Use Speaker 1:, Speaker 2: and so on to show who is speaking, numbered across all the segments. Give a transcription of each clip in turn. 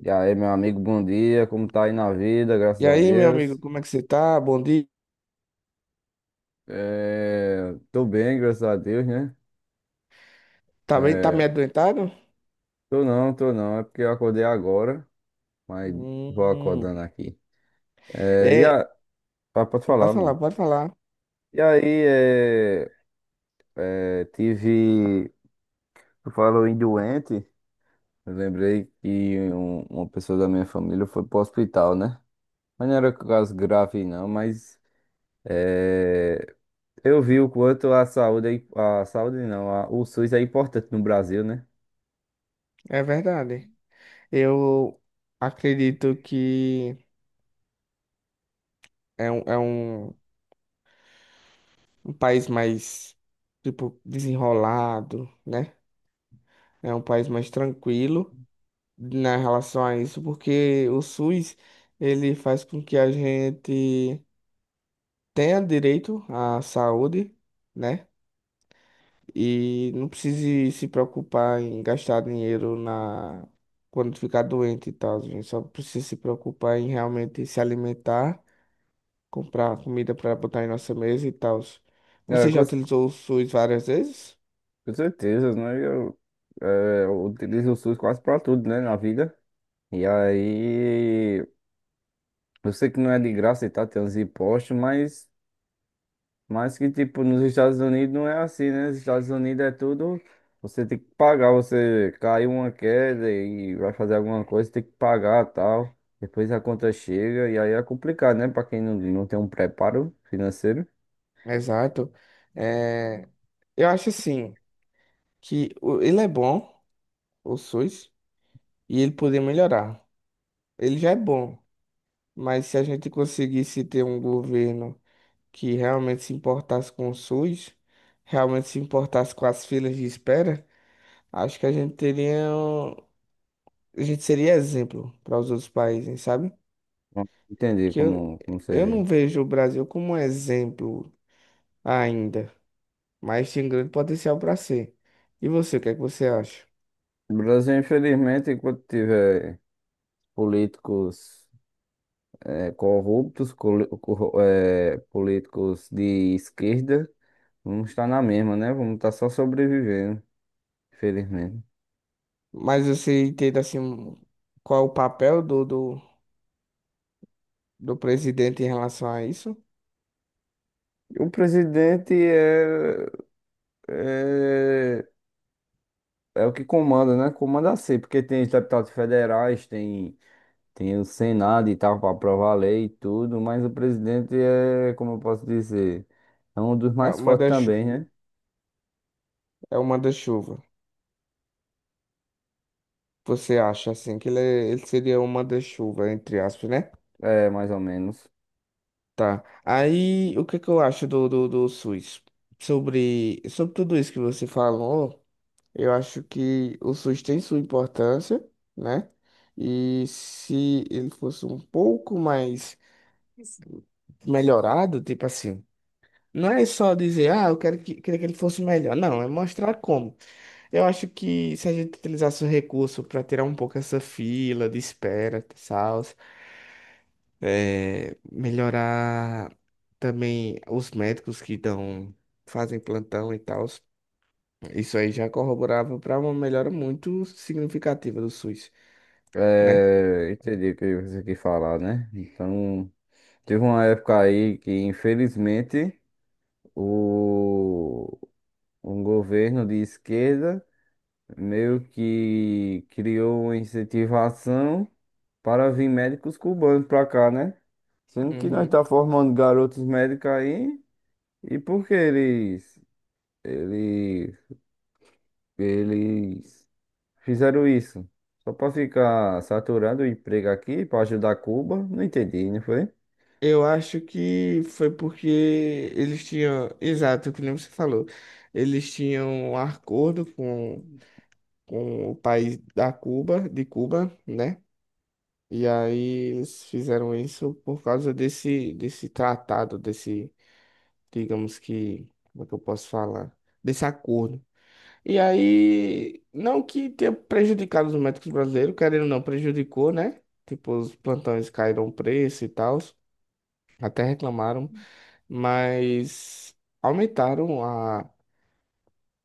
Speaker 1: E aí, meu amigo, bom dia. Como tá aí na vida? Graças
Speaker 2: E
Speaker 1: a
Speaker 2: aí, meu amigo,
Speaker 1: Deus.
Speaker 2: como é que você tá? Bom dia.
Speaker 1: É, tô bem, graças a Deus, né?
Speaker 2: Tá bem? Tá meio
Speaker 1: É,
Speaker 2: adoentado?
Speaker 1: tô não, tô não. É porque eu acordei agora, mas vou
Speaker 2: Hum.
Speaker 1: acordando aqui. É,
Speaker 2: É,
Speaker 1: ah, pode
Speaker 2: pode
Speaker 1: falar,
Speaker 2: falar,
Speaker 1: mano.
Speaker 2: pode falar.
Speaker 1: E aí, é, Tive... tu falou em doente. Eu lembrei que uma pessoa da minha família foi pro hospital, né? Mas não era caso grave, não, mas é, eu vi o quanto a saúde, a saúde não, o SUS é importante no Brasil, né?
Speaker 2: É verdade. Eu acredito que é um, é um, um país mais, tipo, desenrolado, né? É um país mais tranquilo na relação a isso, porque o SUS, ele faz com que a gente tenha direito à saúde, né? E não precise se preocupar em gastar dinheiro na quando ficar doente e tal, gente. Só precisa se preocupar em realmente se alimentar, comprar comida para botar em nossa mesa e tal.
Speaker 1: É,
Speaker 2: Você já utilizou o SUS várias vezes?
Speaker 1: com certeza, né? Eu utilizo o SUS quase pra tudo, né, na vida. E aí, eu sei que não é de graça e tá, tem uns impostos, mas que tipo, nos Estados Unidos não é assim, né? Nos Estados Unidos é tudo, você tem que pagar, você caiu uma queda e vai fazer alguma coisa, tem que pagar tal. Depois a conta chega e aí é complicado, né? Pra quem não, não tem um preparo financeiro.
Speaker 2: Exato. É, eu acho assim que ele é bom, o SUS, e ele poderia melhorar. Ele já é bom, mas se a gente conseguisse ter um governo que realmente se importasse com o SUS, realmente se importasse com as filas de espera, acho que a gente seria exemplo para os outros países, sabe?
Speaker 1: Não entendi
Speaker 2: Que eu,
Speaker 1: como,
Speaker 2: eu
Speaker 1: seria.
Speaker 2: não vejo o Brasil como um exemplo ainda, mas tem grande potencial para ser. E você, o que é que você acha?
Speaker 1: O Brasil, infelizmente, enquanto tiver políticos corruptos, políticos de esquerda, vamos estar na mesma, né? Vamos estar só sobrevivendo, infelizmente.
Speaker 2: Mas você entende assim qual é o papel do presidente em relação a isso?
Speaker 1: O presidente é, é o que comanda, né? Comanda assim, porque tem os deputados federais, tem o Senado e tal, para aprovar a lei e tudo, mas o presidente é, como eu posso dizer, é um dos
Speaker 2: É o
Speaker 1: mais fortes também,
Speaker 2: manda-chuva.
Speaker 1: né?
Speaker 2: É o manda-chuva. Você acha assim que ele, ele seria uma manda-chuva, entre aspas, né?
Speaker 1: É, mais ou menos.
Speaker 2: Tá. Aí, o que que eu acho do SUS? Sobre tudo isso que você falou, eu acho que o SUS tem sua importância, né? E se ele fosse um pouco mais melhorado, tipo assim, não é só dizer, ah, eu quero que, queria que ele fosse melhor. Não, é mostrar como. Eu acho que se a gente utilizasse o recurso para tirar um pouco essa fila de espera, tal, é, melhorar também os médicos que dão, fazem plantão e tal. Isso aí já corroborava para uma melhora muito significativa do SUS, né?
Speaker 1: É, entendi o que você quis falar, né? Então, teve uma época aí que, infelizmente, o, um governo de esquerda meio que criou uma incentivação para vir médicos cubanos para cá, né? Sendo que nós
Speaker 2: Uhum.
Speaker 1: tá formando garotos médicos aí, e porque eles, eles, eles fizeram isso. Só pra ficar saturando o emprego aqui, pra ajudar Cuba. Não entendi, não foi?
Speaker 2: Eu acho que foi porque eles tinham, exato, que nem você falou, eles tinham um acordo com o país da Cuba, de Cuba, né? E aí eles fizeram isso por causa desse tratado, desse digamos que, como é que eu posso falar? Desse acordo. E aí, não que tenha prejudicado os médicos brasileiros, querendo ou não, prejudicou, né? Tipo, os plantões caíram o preço e tal, até reclamaram, mas aumentaram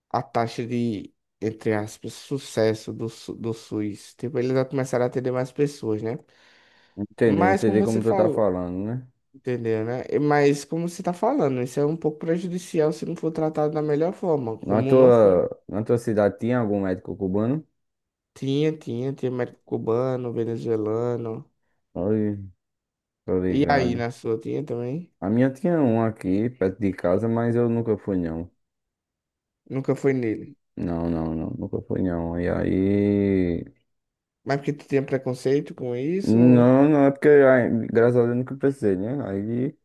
Speaker 2: a taxa de, entre aspas, sucesso do SUS. Tipo, eles já começaram a atender mais pessoas, né?
Speaker 1: Entendi,
Speaker 2: Mas
Speaker 1: entendi
Speaker 2: como
Speaker 1: como
Speaker 2: você
Speaker 1: tu tá
Speaker 2: falou,
Speaker 1: falando, né?
Speaker 2: entendeu, né? Mas como você tá falando, isso é um pouco prejudicial se não for tratado da melhor forma, como não foi.
Speaker 1: Na tua cidade tinha algum médico cubano?
Speaker 2: Tinha médico cubano, venezuelano.
Speaker 1: Oi, tô
Speaker 2: E aí,
Speaker 1: ligado.
Speaker 2: na sua, tinha também?
Speaker 1: A minha tinha um aqui, perto de casa, mas eu nunca fui, não.
Speaker 2: Nunca foi nele.
Speaker 1: Não, não, não, nunca fui, não. E aí.
Speaker 2: Mas porque tu tinha preconceito com isso?
Speaker 1: Não, não, é porque, ai, graças a Deus, eu nunca precisei, né? Aí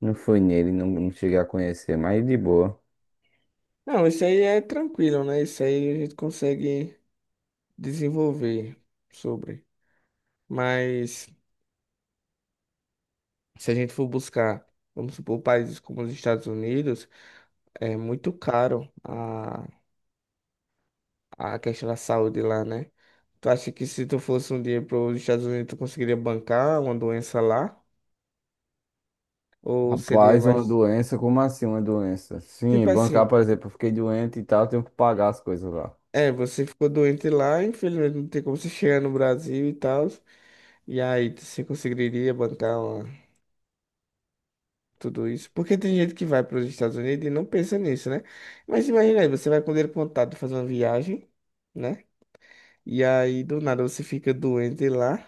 Speaker 1: não fui nele, não, não cheguei a conhecer, mas de boa.
Speaker 2: Não, isso aí é tranquilo, né? Isso aí a gente consegue desenvolver sobre. Mas se a gente for buscar, vamos supor, países como os Estados Unidos, é muito caro a questão da saúde lá, né? Tu acha que se tu fosse um dia para os Estados Unidos, tu conseguiria bancar uma doença lá? Ou seria
Speaker 1: Rapaz, uma
Speaker 2: mais.
Speaker 1: doença, como assim uma doença? Sim,
Speaker 2: Tipo assim,
Speaker 1: bancar, por exemplo, eu fiquei doente e tal, eu tenho que pagar as coisas lá.
Speaker 2: é, você ficou doente lá, infelizmente não tem como você chegar no Brasil e tal. E aí, você conseguiria bancar tudo isso? Porque tem gente que vai para os Estados Unidos e não pensa nisso, né? Mas imagina aí, você vai com dinheiro contado fazer uma viagem, né? E aí, do nada, você fica doente lá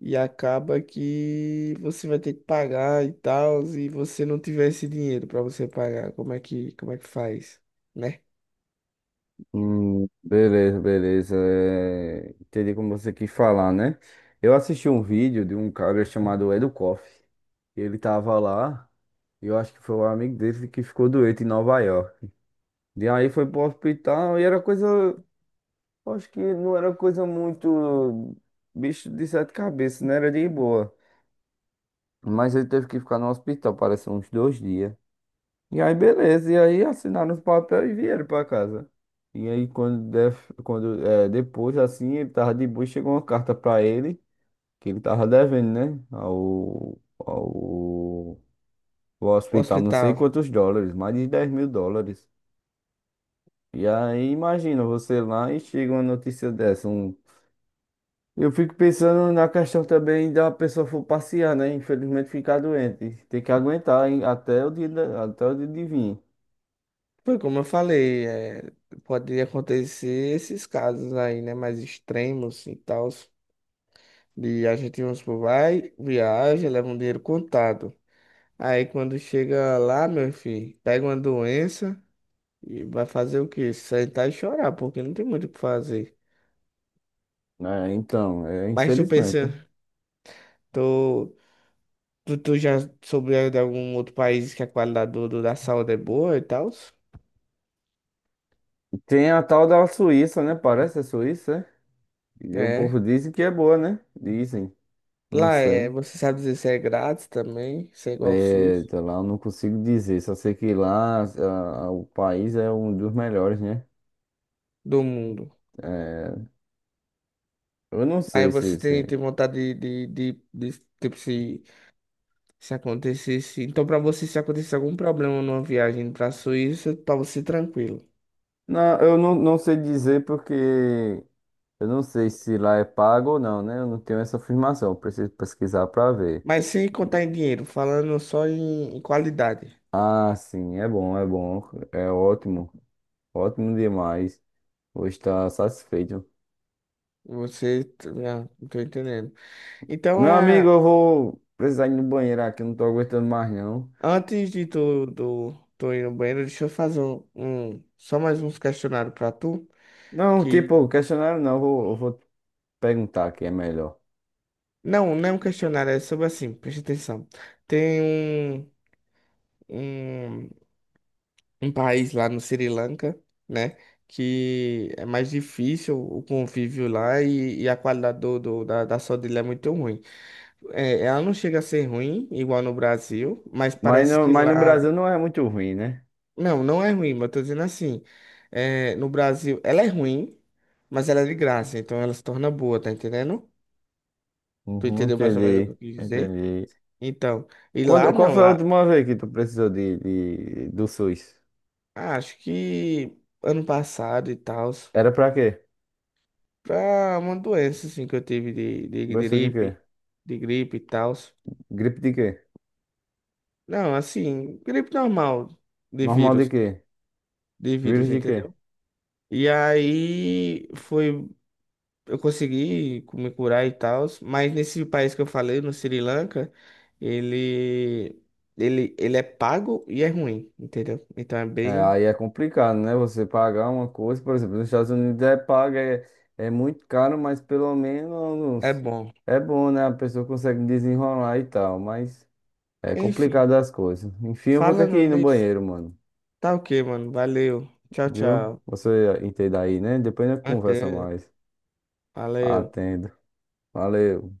Speaker 2: e acaba que você vai ter que pagar e tal, e você não tiver esse dinheiro para você pagar. Como é que faz, né?
Speaker 1: Beleza, beleza. Entendi como você quis falar, né? Eu assisti um vídeo de um cara chamado Edu Koff. Ele tava lá, e eu acho que foi um amigo dele que ficou doente em Nova York. E aí foi pro hospital e era coisa. Eu acho que não era coisa muito. Bicho de sete cabeças, não era de boa. Mas ele teve que ficar no hospital, parece uns 2 dias. E aí, beleza. E aí assinaram os papéis e vieram pra casa. E aí, quando, def- quando é, depois, assim, ele tava de boa, e chegou uma carta pra ele, que ele tava devendo, né? Ao
Speaker 2: O
Speaker 1: hospital, não sei
Speaker 2: hospital.
Speaker 1: quantos dólares, mais de 10 mil dólares. E aí, imagina você lá e chega uma notícia dessa. Eu fico pensando na questão também da pessoa for passear, né? Infelizmente, ficar doente. Tem que aguentar hein, até o dia de vir.
Speaker 2: Foi como eu falei, é, pode acontecer esses casos aí, né, mais extremos e tal, de a gente, vamos supor, vai, viaja, leva um dinheiro contado. Aí quando chega lá, meu filho, pega uma doença e vai fazer o quê? Sentar e chorar, porque não tem muito o que fazer.
Speaker 1: Né? Então,
Speaker 2: Mas tu
Speaker 1: infelizmente.
Speaker 2: pensa, tu, tu já soube de algum outro país que a qualidade da saúde é boa e tal?
Speaker 1: Tem a tal da Suíça, né? Parece a Suíça, é? E o povo
Speaker 2: É.
Speaker 1: dizem que é boa, né? Dizem, não
Speaker 2: Lá é,
Speaker 1: sei.
Speaker 2: você sabe dizer se é grátis também, se é igual ao
Speaker 1: É,
Speaker 2: SUS
Speaker 1: tá lá, eu não consigo dizer, só sei que lá o país é um dos melhores, né?
Speaker 2: do mundo.
Speaker 1: É, eu não
Speaker 2: Aí
Speaker 1: sei
Speaker 2: você
Speaker 1: se,
Speaker 2: tem,
Speaker 1: se.
Speaker 2: tem vontade tipo, se acontecesse. Então, pra você, se acontecesse algum problema numa viagem pra Suíça, pra você tranquilo.
Speaker 1: Não, eu não, não sei dizer porque eu não sei se lá é pago ou não, né? Eu não tenho essa afirmação, eu preciso pesquisar pra ver.
Speaker 2: Mas sem contar em dinheiro, falando só em, em qualidade.
Speaker 1: Ah, sim, é bom, é ótimo, ótimo demais. Vou estar satisfeito.
Speaker 2: Você, ah, não tô entendendo. Então,
Speaker 1: Meu
Speaker 2: é,
Speaker 1: amigo, eu vou precisar ir no banheiro aqui, eu não tô aguentando mais não.
Speaker 2: antes de tu, do, tu ir no banheiro, deixa eu fazer um, só mais uns questionários pra tu.
Speaker 1: Não,
Speaker 2: Que,
Speaker 1: tipo, questionário não, eu vou perguntar aqui, é melhor.
Speaker 2: não, não é um questionário, é sobre assim, presta atenção. Tem um. Um um país lá no Sri Lanka, né? Que é mais difícil o convívio lá e a qualidade da saúde lá é muito ruim. É, ela não chega a ser ruim, igual no Brasil, mas
Speaker 1: Mas
Speaker 2: parece
Speaker 1: no,
Speaker 2: que
Speaker 1: mas no
Speaker 2: lá.
Speaker 1: Brasil não é muito ruim, né?
Speaker 2: Não, não é ruim, mas eu tô dizendo assim. É, no Brasil, ela é ruim, mas ela é de graça, então ela se torna boa, tá entendendo? Tu
Speaker 1: Uhum,
Speaker 2: entendeu mais ou menos o que
Speaker 1: entendi,
Speaker 2: eu quis dizer?
Speaker 1: entendi.
Speaker 2: Então, e lá
Speaker 1: Quando, qual
Speaker 2: não,
Speaker 1: foi a
Speaker 2: lá
Speaker 1: última vez que tu precisou do SUS?
Speaker 2: ah, acho que ano passado e tal.
Speaker 1: Era pra quê?
Speaker 2: Pra uma doença, assim, que eu tive
Speaker 1: Gostou de quê?
Speaker 2: de gripe e tal.
Speaker 1: Gripe de quê?
Speaker 2: Não, assim, gripe normal, de
Speaker 1: Normal de
Speaker 2: vírus,
Speaker 1: quê?
Speaker 2: de
Speaker 1: Vírus
Speaker 2: vírus,
Speaker 1: de quê?
Speaker 2: entendeu? E aí foi, eu consegui me curar e tal, mas nesse país que eu falei, no Sri Lanka, ele, ele é pago e é ruim, entendeu? Então é
Speaker 1: É,
Speaker 2: bem,
Speaker 1: aí é complicado, né? Você pagar uma coisa, por exemplo, nos Estados Unidos é paga, é muito caro, mas pelo
Speaker 2: é
Speaker 1: menos
Speaker 2: bom.
Speaker 1: é bom, né? A pessoa consegue desenrolar e tal, mas é
Speaker 2: Enfim,
Speaker 1: complicado as coisas. Enfim, eu vou ter que
Speaker 2: falando
Speaker 1: ir no
Speaker 2: nisso,
Speaker 1: banheiro, mano.
Speaker 2: tá ok, mano, valeu, tchau,
Speaker 1: Viu?
Speaker 2: tchau,
Speaker 1: Você entende aí, né? Depois a gente conversa
Speaker 2: até,
Speaker 1: mais.
Speaker 2: valeu.
Speaker 1: Atendo. Valeu.